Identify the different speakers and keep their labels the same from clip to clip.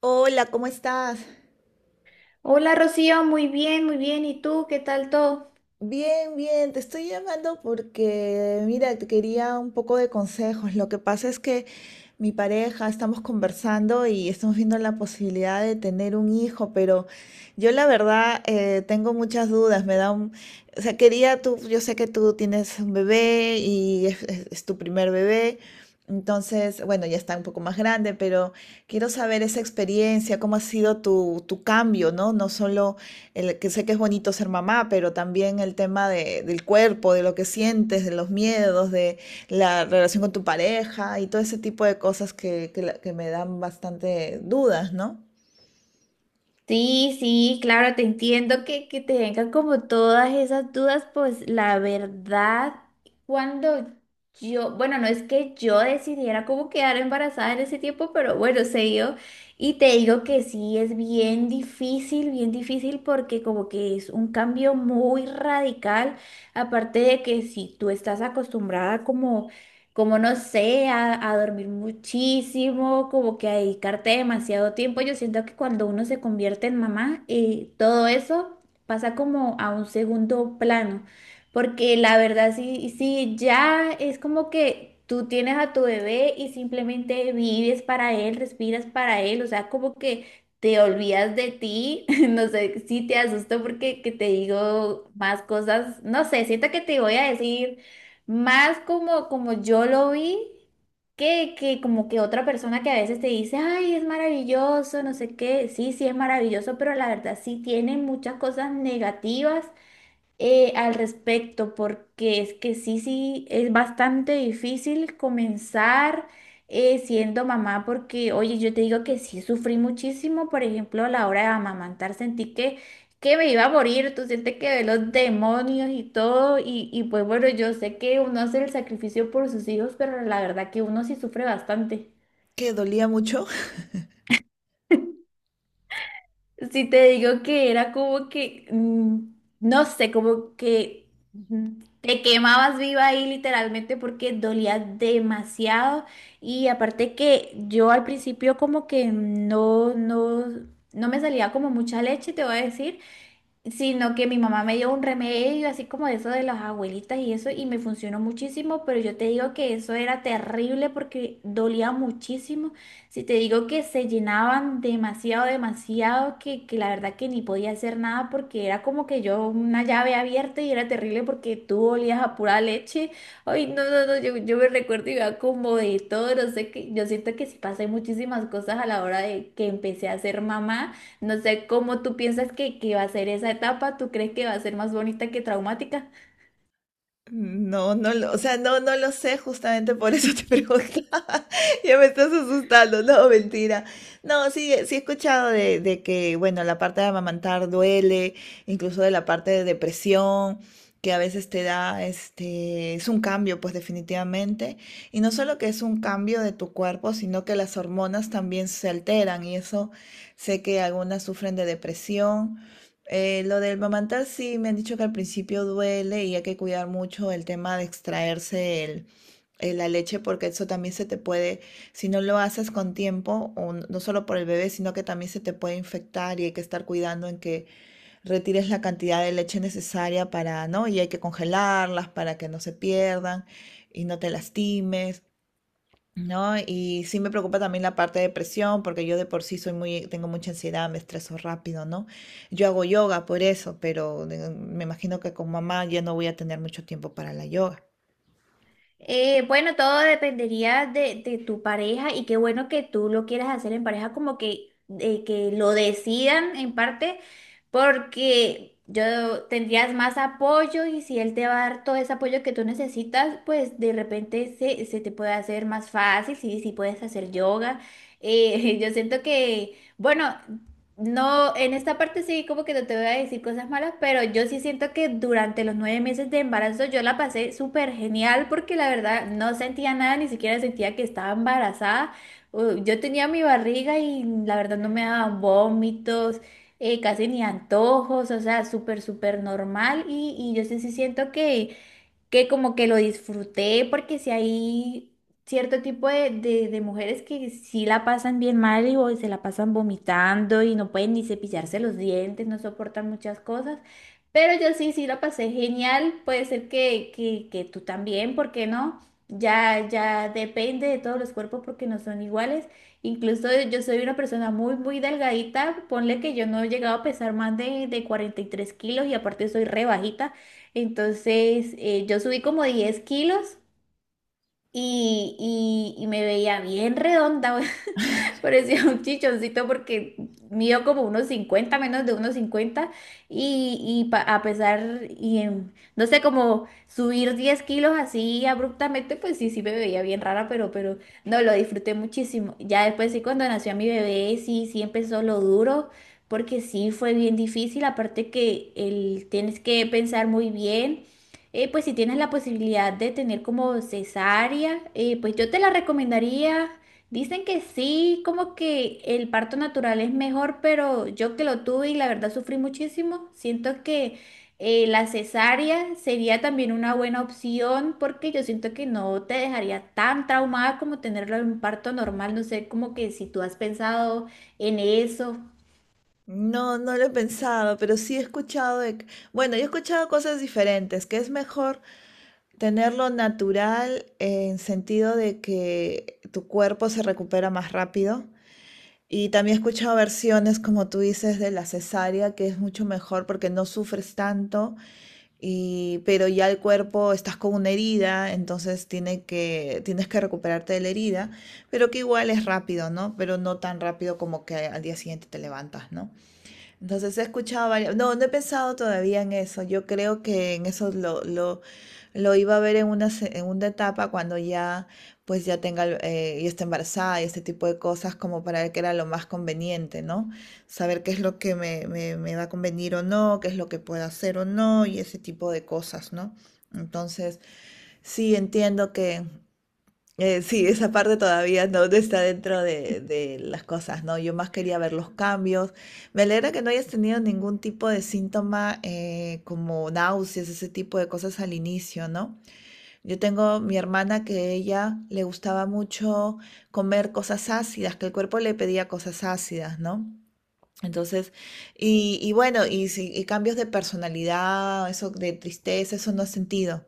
Speaker 1: Hola, ¿cómo estás?
Speaker 2: Hola Rocío, muy bien, muy bien. ¿Y tú? ¿Qué tal todo?
Speaker 1: Bien, bien, te estoy llamando porque, mira, te quería un poco de consejos. Lo que pasa es que mi pareja estamos conversando y estamos viendo la posibilidad de tener un hijo, pero yo la verdad tengo muchas dudas. Me da un, o sea, quería tú, yo sé que tú tienes un bebé y es, es tu primer bebé. Entonces, bueno, ya está un poco más grande, pero quiero saber esa experiencia, cómo ha sido tu cambio, ¿no? No solo el que sé que es bonito ser mamá, pero también el tema de, del cuerpo, de lo que sientes, de los miedos, de la relación con tu pareja y todo ese tipo de cosas que me dan bastante dudas, ¿no?
Speaker 2: Sí, sí, claro, te entiendo que te vengan como todas esas dudas, pues la verdad, cuando yo, bueno, no es que yo decidiera cómo quedar embarazada en ese tiempo, pero bueno, se dio. Y te digo que sí, es bien difícil porque como que es un cambio muy radical, aparte de que si tú estás acostumbrada como no sé, a dormir muchísimo, como que a dedicarte demasiado tiempo. Yo siento que cuando uno se convierte en mamá, todo eso pasa como a un segundo plano, porque la verdad sí, sí, ya es como que tú tienes a tu bebé y simplemente vives para él, respiras para él, o sea, como que. Te olvidas de ti, no sé si te asusto porque que te digo más cosas, no sé, siento que te voy a decir más como yo lo vi, que como que otra persona que a veces te dice, ay, es maravilloso, no sé qué, sí, sí es maravilloso, pero la verdad sí tiene muchas cosas negativas al respecto, porque es que sí, sí, es bastante difícil comenzar siendo mamá, porque, oye, yo te digo que sí sufrí muchísimo, por ejemplo, a la hora de amamantar, sentí que me iba a morir, tú sientes que ve los demonios y todo, y pues bueno, yo sé que uno hace el sacrificio por sus hijos, pero la verdad que uno sí sufre bastante.
Speaker 1: ¿Que dolía mucho?
Speaker 2: Si te digo que era como que, no sé, como que te quemabas viva ahí literalmente porque dolía demasiado. Y aparte que yo al principio como que no, no, no me salía como mucha leche, te voy a decir sino que mi mamá me dio un remedio así como de eso de las abuelitas y eso y me funcionó muchísimo, pero yo te digo que eso era terrible porque dolía muchísimo. Si te digo que se llenaban demasiado, demasiado, que la verdad que ni podía hacer nada porque era como que yo una llave abierta y era terrible porque tú olías a pura leche. Ay, no, no, no, yo me recuerdo y iba como de todo, no sé qué, yo siento que sí pasé muchísimas cosas a la hora de que empecé a ser mamá. No sé cómo tú piensas que va a ser esa etapa, ¿tú crees que va a ser más bonita que traumática?
Speaker 1: No, no lo, o sea, no, no lo sé, justamente por eso te preguntaba. Ya me estás asustando, no, mentira. No, sí, sí he escuchado de que, bueno, la parte de amamantar duele, incluso de la parte de depresión, que a veces te da, este, es un cambio, pues definitivamente. Y no solo que es un cambio de tu cuerpo, sino que las hormonas también se alteran y eso sé que algunas sufren de depresión. Lo del mamantar sí me han dicho que al principio duele y hay que cuidar mucho el tema de extraerse el, la leche porque eso también se te puede, si no lo haces con tiempo, o no solo por el bebé, sino que también se te puede infectar y hay que estar cuidando en que retires la cantidad de leche necesaria para, ¿no? Y hay que congelarlas para que no se pierdan y no te lastimes. ¿No? Y sí me preocupa también la parte de depresión, porque yo de por sí soy muy, tengo mucha ansiedad, me estreso rápido, ¿no? Yo hago yoga por eso, pero me imagino que con mamá ya no voy a tener mucho tiempo para la yoga.
Speaker 2: Bueno, todo dependería de tu pareja y qué bueno que tú lo quieras hacer en pareja, como que, que lo decidan en parte, porque yo tendrías más apoyo y si él te va a dar todo ese apoyo que tú necesitas, pues de repente se te puede hacer más fácil, si puedes hacer yoga. Yo siento que, bueno. No, en esta parte sí, como que no te voy a decir cosas malas, pero yo sí siento que durante los 9 meses de embarazo yo la pasé súper genial porque la verdad no sentía nada, ni siquiera sentía que estaba embarazada. Yo tenía mi barriga y la verdad no me daban vómitos, casi ni antojos, o sea, súper, súper normal y yo sí, sí siento que como que lo disfruté porque si hay cierto tipo de, de mujeres que sí la pasan bien mal y o se la pasan vomitando y no pueden ni cepillarse los dientes, no soportan muchas cosas. Pero yo sí, sí la pasé genial. Puede ser que tú también, ¿por qué no? Ya, ya depende de todos los cuerpos porque no son iguales. Incluso yo soy una persona muy, muy delgadita. Ponle que yo no he llegado a pesar más de 43 kilos y aparte soy re bajita. Entonces, yo subí como 10 kilos y, y me veía bien redonda, Parecía un chichoncito porque midió como unos 50 menos de unos 50 y pa- a pesar, y en- no sé, como subir 10 kilos así abruptamente, pues sí, sí me veía bien rara, pero no, lo disfruté muchísimo. Ya después sí, cuando nació mi bebé, sí, sí empezó lo duro, porque sí fue bien difícil, aparte que el, tienes que pensar muy bien. Pues si tienes la posibilidad de tener como cesárea, pues yo te la recomendaría. Dicen que sí, como que el parto natural es mejor, pero yo que lo tuve y la verdad sufrí muchísimo, siento que la cesárea sería también una buena opción porque yo siento que no te dejaría tan traumada como tenerlo en un parto normal. No sé, como que si tú has pensado en eso.
Speaker 1: No, no lo he pensado, pero sí he escuchado de que, bueno, yo he escuchado cosas diferentes, que es mejor tenerlo natural en sentido de que tu cuerpo se recupera más rápido. Y también he escuchado versiones, como tú dices, de la cesárea, que es mucho mejor porque no sufres tanto y, pero ya el cuerpo estás con una herida, entonces tiene que, tienes que recuperarte de la herida, pero que igual es rápido, ¿no? Pero no tan rápido como que al día siguiente te levantas, ¿no? Entonces he escuchado varias, no, no he pensado todavía en eso. Yo creo que en eso lo iba a ver en una, en una etapa cuando ya, pues ya tenga, ya esté embarazada y este tipo de cosas como para ver qué era lo más conveniente, ¿no? Saber qué es lo que me va a convenir o no, qué es lo que puedo hacer o no y ese tipo de cosas, ¿no? Entonces, sí, entiendo sí, esa parte todavía no está dentro de las cosas, ¿no? Yo más quería ver los cambios. Me alegra que no hayas tenido ningún tipo de síntoma, como náuseas, ese tipo de cosas al inicio, ¿no? Yo tengo mi hermana que ella le gustaba mucho comer cosas ácidas, que el cuerpo le pedía cosas ácidas, ¿no? Entonces, y bueno, y, si- y cambios de personalidad, eso de tristeza, eso no has sentido.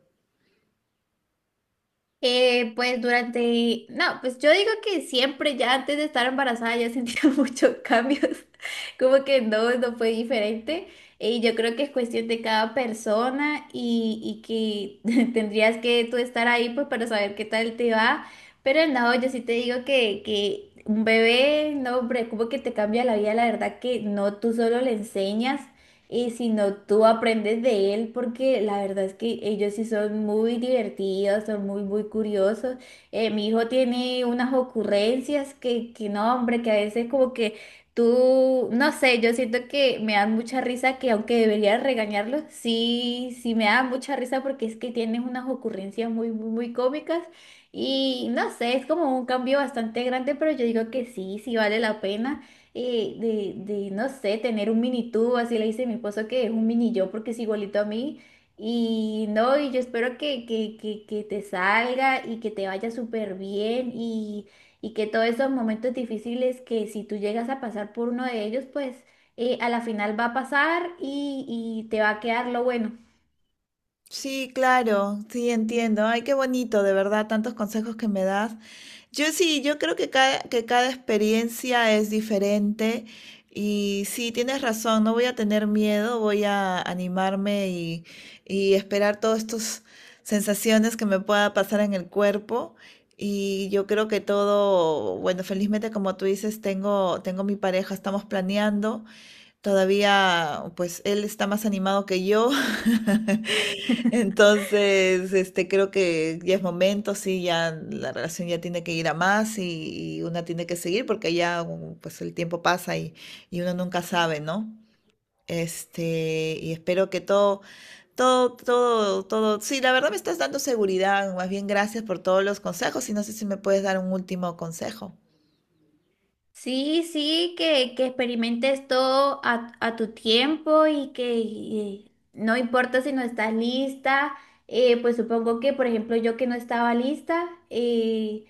Speaker 2: Pues durante, no, pues yo digo que siempre, ya antes de estar embarazada, ya sentía muchos cambios, como que no fue diferente. Y yo creo que es cuestión de cada persona y que tendrías que tú estar ahí pues para saber qué tal te va. Pero no, yo sí te digo que un bebé, no, hombre, como que te cambia la vida, la verdad que no, tú solo le enseñas. Y si no, tú aprendes de él porque la verdad es que ellos sí son muy divertidos, son muy, muy curiosos. Mi hijo tiene unas ocurrencias que no, hombre, que a veces como que tú, no sé, yo siento que me dan mucha risa que aunque debería regañarlos, sí, sí me dan mucha risa porque es que tienen unas ocurrencias muy, muy, muy cómicas. Y no sé, es como un cambio bastante grande, pero yo digo que sí, sí vale la pena no sé, tener un mini tú, así le dice mi esposo que es un mini yo porque es igualito a mí. Y no, y yo espero que te salga y que te vaya súper bien y que todos esos momentos difíciles que si tú llegas a pasar por uno de ellos, pues a la final va a pasar y te va a quedar lo bueno.
Speaker 1: Sí, claro, sí, entiendo. Ay, qué bonito, de verdad, tantos consejos que me das. Yo sí, yo creo que cada experiencia es diferente y sí, tienes razón, no voy a tener miedo, voy a animarme y esperar todas estas sensaciones que me pueda pasar en el cuerpo. Y yo creo que todo, bueno, felizmente como tú dices, tengo mi pareja, estamos planeando. Todavía, pues, él está más animado que yo. Entonces, este, creo que ya es momento, sí, ya la relación ya tiene que ir a más y una tiene que seguir porque ya, pues, el tiempo pasa y uno nunca sabe, ¿no? Este, y espero que todo. Sí, la verdad me estás dando seguridad. Más bien, gracias por todos los consejos y no sé si me puedes dar un último consejo.
Speaker 2: Sí, sí, que experimentes todo a tu tiempo y que y no importa si no estás lista, pues supongo que, por ejemplo, yo que no estaba lista,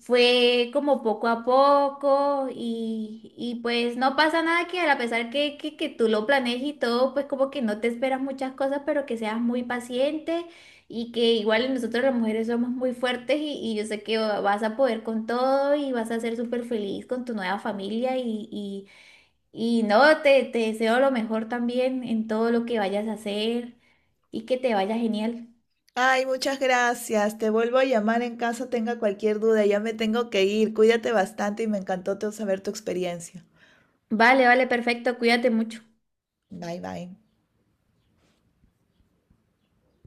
Speaker 2: fue como poco a poco y pues no pasa nada que a pesar que tú lo planees y todo, pues como que no te esperas muchas cosas, pero que seas muy paciente y que igual nosotros las mujeres somos muy fuertes y yo sé que vas a poder con todo y vas a ser súper feliz con tu nueva familia y no, te deseo lo mejor también en todo lo que vayas a hacer y que te vaya genial.
Speaker 1: Ay, muchas gracias. Te vuelvo a llamar en caso tenga cualquier duda. Ya me tengo que ir. Cuídate bastante y me encantó saber tu experiencia.
Speaker 2: Vale, vale, perfecto, cuídate mucho.
Speaker 1: Bye, bye.